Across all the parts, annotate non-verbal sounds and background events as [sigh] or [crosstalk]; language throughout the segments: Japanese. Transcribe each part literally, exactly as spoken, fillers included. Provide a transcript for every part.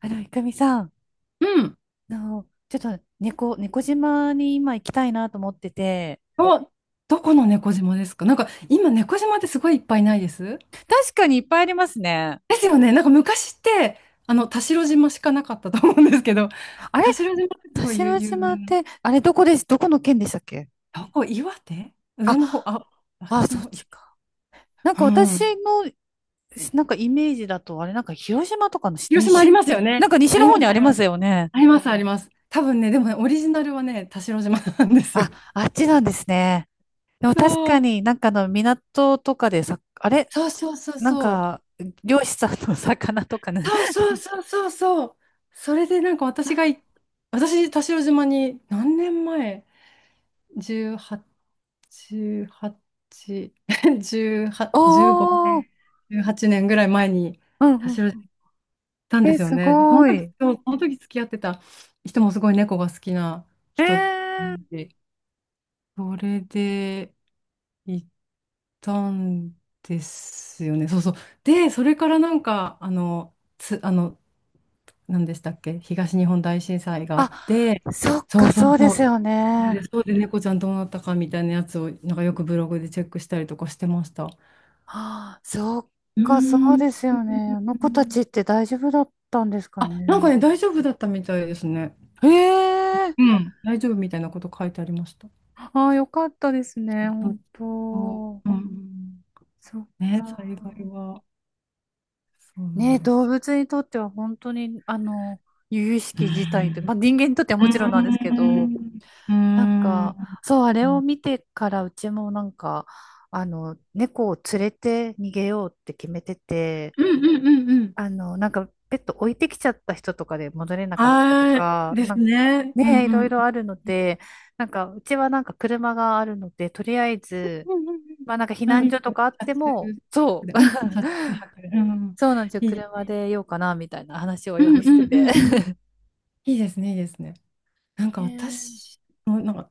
あの、いくみさん、うん。あの、ちょっと猫、猫島に今行きたいなと思ってて、お、どこの猫島ですか？なんか今猫島ってすごいいっぱいないです？確かにいっぱいありますね。ですよね。なんか昔ってあの田代島しかなかったと思うんですけど、あ [laughs] れ、田代島ってす田ごい有、代有島名っな。て、あれ、どこです、どこの県でしたっけ？どこ岩手上の方、あ、あ、あっあ、ちそのっ方、い、ちか。なんうか私ん。の、なんかイメージだと、あれ、なんか広島とかのし広島あり西、ますよなね。んか西あのりま方にすあありりまます。すよね。ありますあります。多分ね、でもね、オリジナルはね、田代島なんですよ。あ、あっちなんですね。でも確かそう。になんかあの港とかでさ、あれ、そうそうそうなんそう。か漁師さんの魚とかね。そうそうそうそうそう。それでなんか私がい、私、田代島に何年前？ じゅうはち、じゅうはち、[laughs] じゅうはち、[laughs] 15お年、ー、じゅうはちねんぐらい前にう田ん代島にうん、行ったんでえ、すよすね。でそのご時、い。そうその時付き合ってた人もすごい猫が好きなえ人え、で、それで行ったんですよね。そうそう。で、それからなんか、あの、つ、あの、何でしたっけ、東日本大震災があっあ、て、そっそか、うそそううでそすう、よそれで、ね。そうで猫ちゃんどうなったかみたいなやつを、なんかよくブログでチェックしたりとかしてました。うああ、そっーか、そうん。ですよね。あの子たちって大丈夫だったんですかあ、なんかね。ね、大丈夫だったみたいですね。ええ、うん。大丈夫みたいなこと書いてありました。ああ、よかったですね、そう本そ当。う。うん。そっね、か。災害は、そうなんね、です動よ。物にとっては本当に、あの、由々しうーき事態と、まん。あ人間にとってはもちろんなんですけど、うーなんん。うーか、ん。そう、あれうをん見てからうちもなんか、あの、猫を連れて逃げようって決めてて、うんうんうん。あの、なんか、ペット置いてきちゃった人とかで戻れなかったとはーい。か、でなすんか、ね。うんね、いうろいん。ろあるので、なんか、うちはなんか車があるので、とりあえず、うんうんまあなんか避うん。あ、難いい所とでかあってすも、そね。車中泊で。う、うん、車中 [laughs] 泊で。うん。そうなんですよ、いい。車でようかな、みたいな話をうよんうくしんてうんうん。て。いいですね、いいですね。なん [laughs] かねえ、私も、なんか、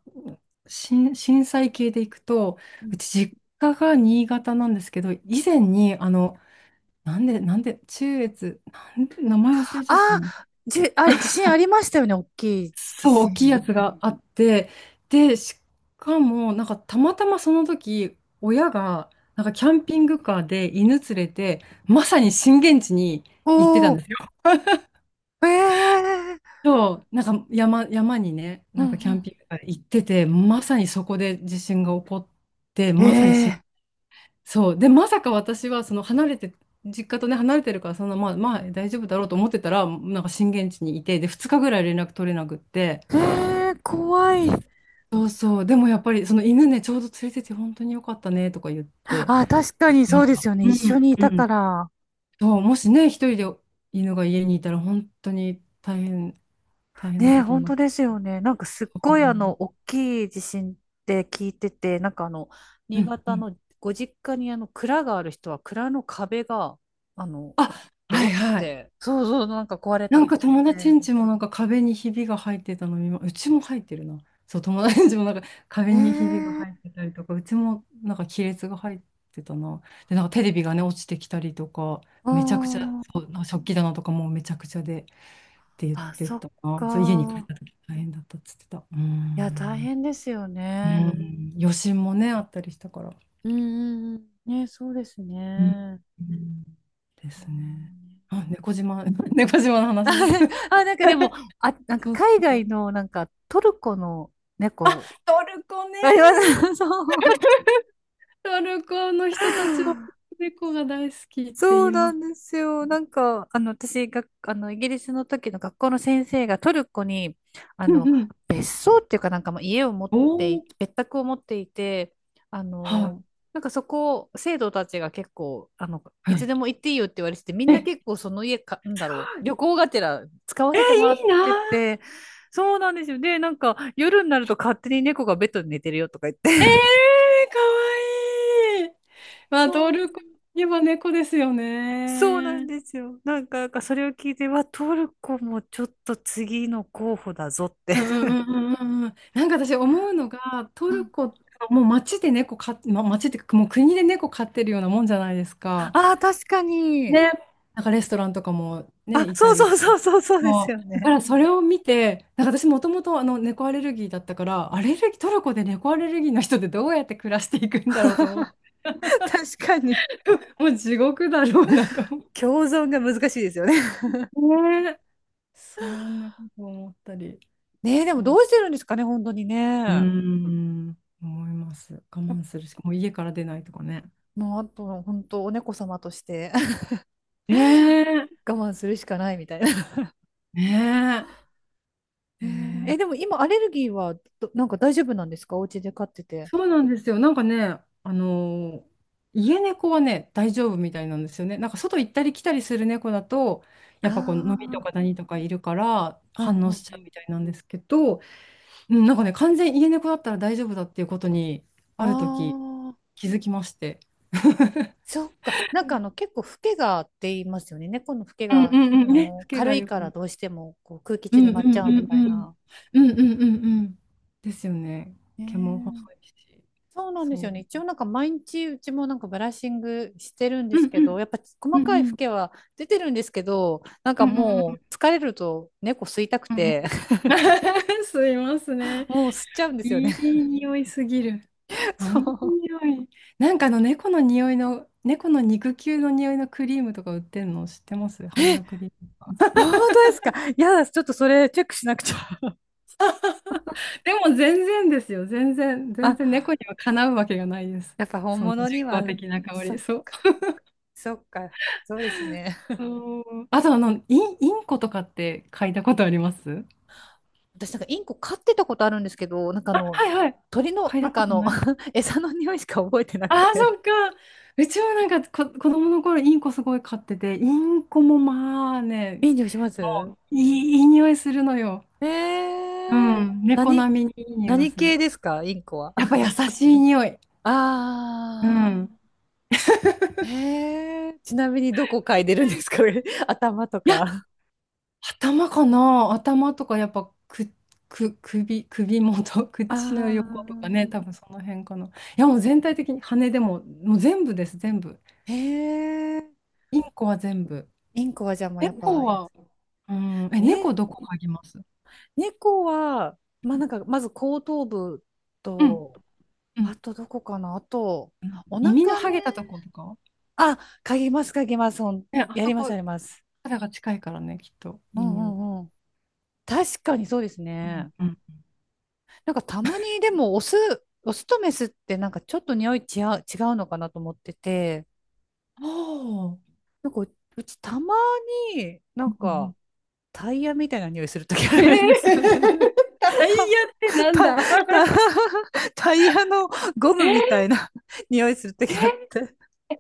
震震災系で行くと、ううん、ち実家が新潟なんですけど、以前に、あの、なんで、なんで、中越、なんで、名前忘れあちゃったあ、な。じ、あれ、地震ありましたよね、大きい地そう、大きいや震。つがあって、で、しかも、なんかたまたまその時、親が、なんかキャンピングカーで犬連れて、まさに震源地に行ってたおんー、ですよ。ええ、そう、なんか山、山にね、うなんんかキャンうピングカーで行ってて、まさにそこで地震が起こって、ん、ええそう、で、まさか私は、その離れて、実家とね、離れてるから、そんな、まあ、まあ、大丈夫だろうと思ってたら、なんか震源地にいて、で、ふつかぐらい連絡取れなくって、ええ怖い。そうそう。でもやっぱり、その犬ね、ちょうど連れてて本当に良かったねとか言ってあ、確かにそまうしでた。すよね。う一緒ん、にいうたかん。ら。そう、もしね、一人で犬が家にいたら本当に大変、大変なね、ことに本なっ当て。ですよね。なんかすっそごいあの、う、大きい地震って聞いてて、なんかあの、う新んう潟ん。のご実家にあの、蔵がある人は蔵の壁が、あの、あ、ドはいンっはい。て、そうそう、なんか壊れなたっんてか聞い友達て。ん家もなんか壁にひびが入ってたの、今うちも入ってるな。そう、友達ん家もなんか壁にひびがえ入っえ、てたりとか、うちもなんか亀裂が入ってたな。で、なんかテレビがね、落ちてきたりとか、あ、めちゃくちゃ、あー、そう、なんか食器棚とかもうめちゃくちゃでって言っあ、てそったな。そう、家に帰っか。た時大変だったっつってた。うーいや、大ん。変ですようね。ん。余震もね、あったりしたから。うんうんうん。ね、そうですうん。ね。うんであーすね。ね。 あ、猫島、[laughs] 猫島の話。[laughs] あ、なんかでも、あ、なんかそう海そ外う。の、なんかトルコの猫、トルコね。あります。[laughs] そう。トルコの人たちは猫が大好きって言そういまなす。んですよ。なんか、あの、私が、あの、イギリスの時の学校の先生がトルコに、あうんの、うん。別荘っていうかなんかまあ家を持っおてい、お、別宅を持っていて、あはの、なんかそこ、生徒たちが結構、あの、い、いはつい。でも行っていいよって言われてて、みんえ、なえ、結構その家か、なんだろう、旅行がてら使わせてもらいっいてな、て、そうなんですよ。で、なんか夜になると勝手に猫がベッドで寝てるよとか言っえて。えー、かわいい。[laughs] まあ、そトルコう。といえば猫ですよそうなんね。ですよ。なんか、なんかそれを聞いて、わ、トルコもちょっと次の候補だぞって。うんうん [laughs] うんうんうんうん。なんか私思うのが、トうルん、コ、もう街で猫飼って、ま、街っていうかもう国で猫飼ってるようなもんじゃないですか。ああ、確かに。ね、なんかレストランとかもあ、ね、いそたうりそうとそか。うそう、そうですそよう。だかね。らそれを見て、なんか私もともとあの猫アレルギーだったから、アレルギー、トルコで猫アレルギーの人ってどうやって暮らしていくんだろうと思って、[laughs] 確かに。[laughs] もう地獄だろうなと思って。共存が難しいですよね。[laughs] ねえ。そんなこと思ったり、ねえ、でもとどううしてるんですかね、本当にーね。ん、思います。我慢するしか、もう家から出ないとかね。もうあと、本当、お猫様として、 [laughs] ねえ。我慢するしかないみたいな。ねえ。えうーー、ん、えでも今、アレルギーはどなんか大丈夫なんですか？お家で飼ってて。そうなんですよ。なんかね、あのー、家猫はね、大丈夫みたいなんですよね。なんか外行ったり来たりする猫だと、あやっぱこう、飲みとあ、か何とかいるからうん反う応しんちうゃうん。みたいなんですけど、うん、なんかね、完全家猫だったら大丈夫だっていうことに、あある時あ。気づきまして。そっか。なんかあの結構フケがって言いますよね。猫のフケうんうがんあうん。[laughs] ね、つのけ軽がいよかくらね。どうしてもこう空気う中んにうん舞っちゃううみんたいうん。な。うんうんうんうん。ですよね。毛も細ねえ、いし。そうなんですそよね。一う。応なんか毎日うちもなんかブラッシングしてるんでうんすけうん。ど、やっぱう細んかいうフん。ケは出てるんですけど、なんうかんうんうもんう疲れると猫吸いたくうんうん。 て、[laughs] 吸います [laughs] ね。もう吸っちゃうんですよいね。い匂いすぎる。[laughs] あそのう。匂い。なんかあの猫の匂いの、猫の肉球の匂いのクリームとか売ってんの知ってます？ハンドえ、クリームとか。本当ですか？いやだ、ちょっとそれチェックしなくちゃ。[laughs] でも全然ですよ。全然、[laughs] 全然あ、猫にはかなうわけがないです。やっぱ本その人物には、工的な香そり。っそう。か、そっか、そうですね。そうあとあの、イン、インコとかって嗅いだことあります？私なんかインコ飼ってたことあるんですけど、なんかあの、はいはい。鳥の、嗅いなんだこかあとの、ない？ [laughs] 餌の匂いしか覚えてなあくあ、て。そっか。うちはなんかこ、子供の頃インコすごい飼ってて、インコもまあね、いい匂いします？いい、いい匂いするのよ。えうー、ん。猫何、並みにいい匂いが何す系る。ですか、インコは。やっぱ優 [laughs] しい匂い。うあん。ー、えー、ちなみにどこ嗅いでるんですか？ [laughs] 頭といや、か。頭かな。頭とかやっぱく、く、首、首元、[laughs] 口のあ横とかね、多分その辺かな。いや、もう全体的に羽でも、もう全部です、全部。ー、えー、インコは全部。インコはじゃあもうやっぱ、猫は、うん、え、ね、猫どこ嗅ぎます？猫は、まあなんか、まず後頭部うん。と、うんあとどこかな、あと、うん、お耳の腹ね、剥げたとことかあ、書きます、書きます。ほん、ね、あやそります、こ、やります。肌が近いからね、きっと、ういいん匂いが。うんうん。確かにそうですうんね。うん。なんかたまにでもオス、オスとメスってなんかちょっと匂い違う、違うのかなと思ってて、おお。うなんかううちたまになんんうん、かタイヤみたいな匂いするときあえー、るんですよね。[laughs] タイヤ [laughs] ってなんだ？ [laughs] タタタイヤのゴムみたえいな匂いするとー、きあって。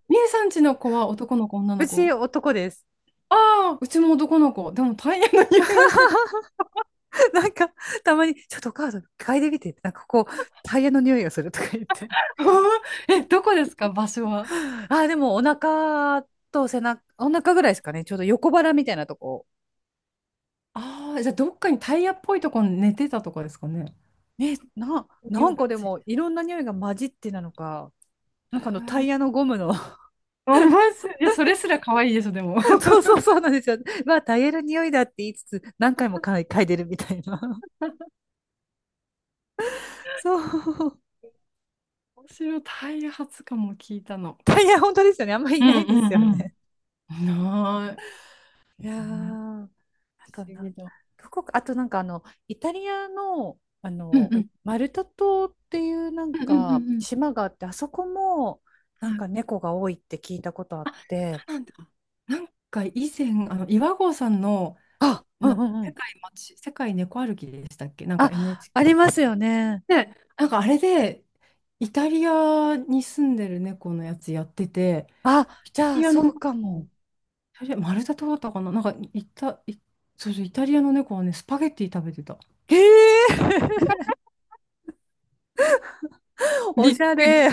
みえさんちの子は男の子、女のうち子？男です。ああ、うちも男の子。でもタイヤの匂いがしたか。なんかたまにちょっとお母さん嗅いでみてって、なんかこうタイヤの匂いがするとか言って。ら。[laughs] え、どこですか、場所は。あ、でもお腹と背中、お腹ぐらいですかね。ちょうど横腹みたいなとこ。ああ、じゃあどっかにタイヤっぽいとこに寝てたとかですかね。ね、な、な匂いんかがでついもいろんな匂いが混じってなのか、なんかあた。のへタイヤーのゴムの。 面白い。[laughs] いや、それすら可愛いでしょ、でも。[laughs] そうそうそうなんですよ。まあタイヤの匂いだって言いつつ何回も嗅い、嗅いでるみたいな。[laughs] そう。[laughs] 面白い。タイヤ初かも聞いたの。タイヤ本当ですよね。あんまりういなんういですよんね。うん。ない。いやうん、ー、不あと思な、議だ。どこか、あとなんかあの、イタリアの、あうんの、うマルタ島っていうなんんうんうんうかんうん、島があって、あそこもなんはい。か猫が多いって聞いたことああ、っそて、うなんだ。なんか以前、あの岩合さんのあ、うなんうんう世ん。界街、世界猫歩きでしたっけ、なんか あ、ありますよね。エヌエイチケー で、なんかあれで、イタリアに住んでる猫のやつやってて、あ、イタじゃあリアそのう猫、かも。イタリア、マルタ島だったかな、なんかイタ、イ、そうそう、イタリアの猫はね、スパゲッティ食べてた。へえ、[laughs] おびっしゃくり。れ。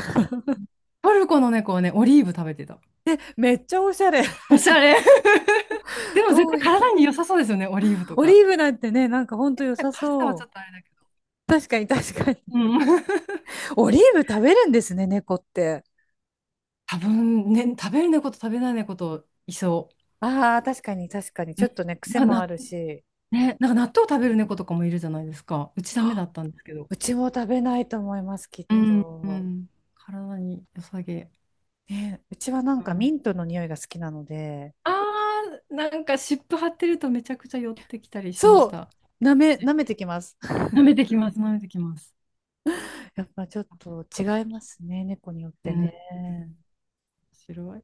トルコの猫はね、オリーブ食べてた。めっちゃおしゃれ。おしゃれ。[laughs] でも絶どう対いう、体に良さそうですよね、オリーブとオリか。ーブなんてね、なんかほんと良さパスタはそちう。ょっとあれだけど。確かに確かに。うん。オリーブ食べるんですね、猫って。多分ね、食べる猫と食べない猫といそああ、確かに確かに。う。ちうょん、っとね、癖なんもかあな、るし。ね、なんか納豆食べる猫とかもいるじゃないですか。うちダメだあ、ったんですけど。うちも食べないと思います、きっうん。うと。ん、体に良さげ。ね、うちはなんうかミん、ントの匂いが好きなので、あー、なんか湿布貼ってるとめちゃくちゃ寄ってきたりしまそしう、た。舐め、舐めてきます。[laughs] 舐めてきます、舐めてきます。やっぱちょっとあ好違いまき、すね、猫によっうてん、面ね。白い。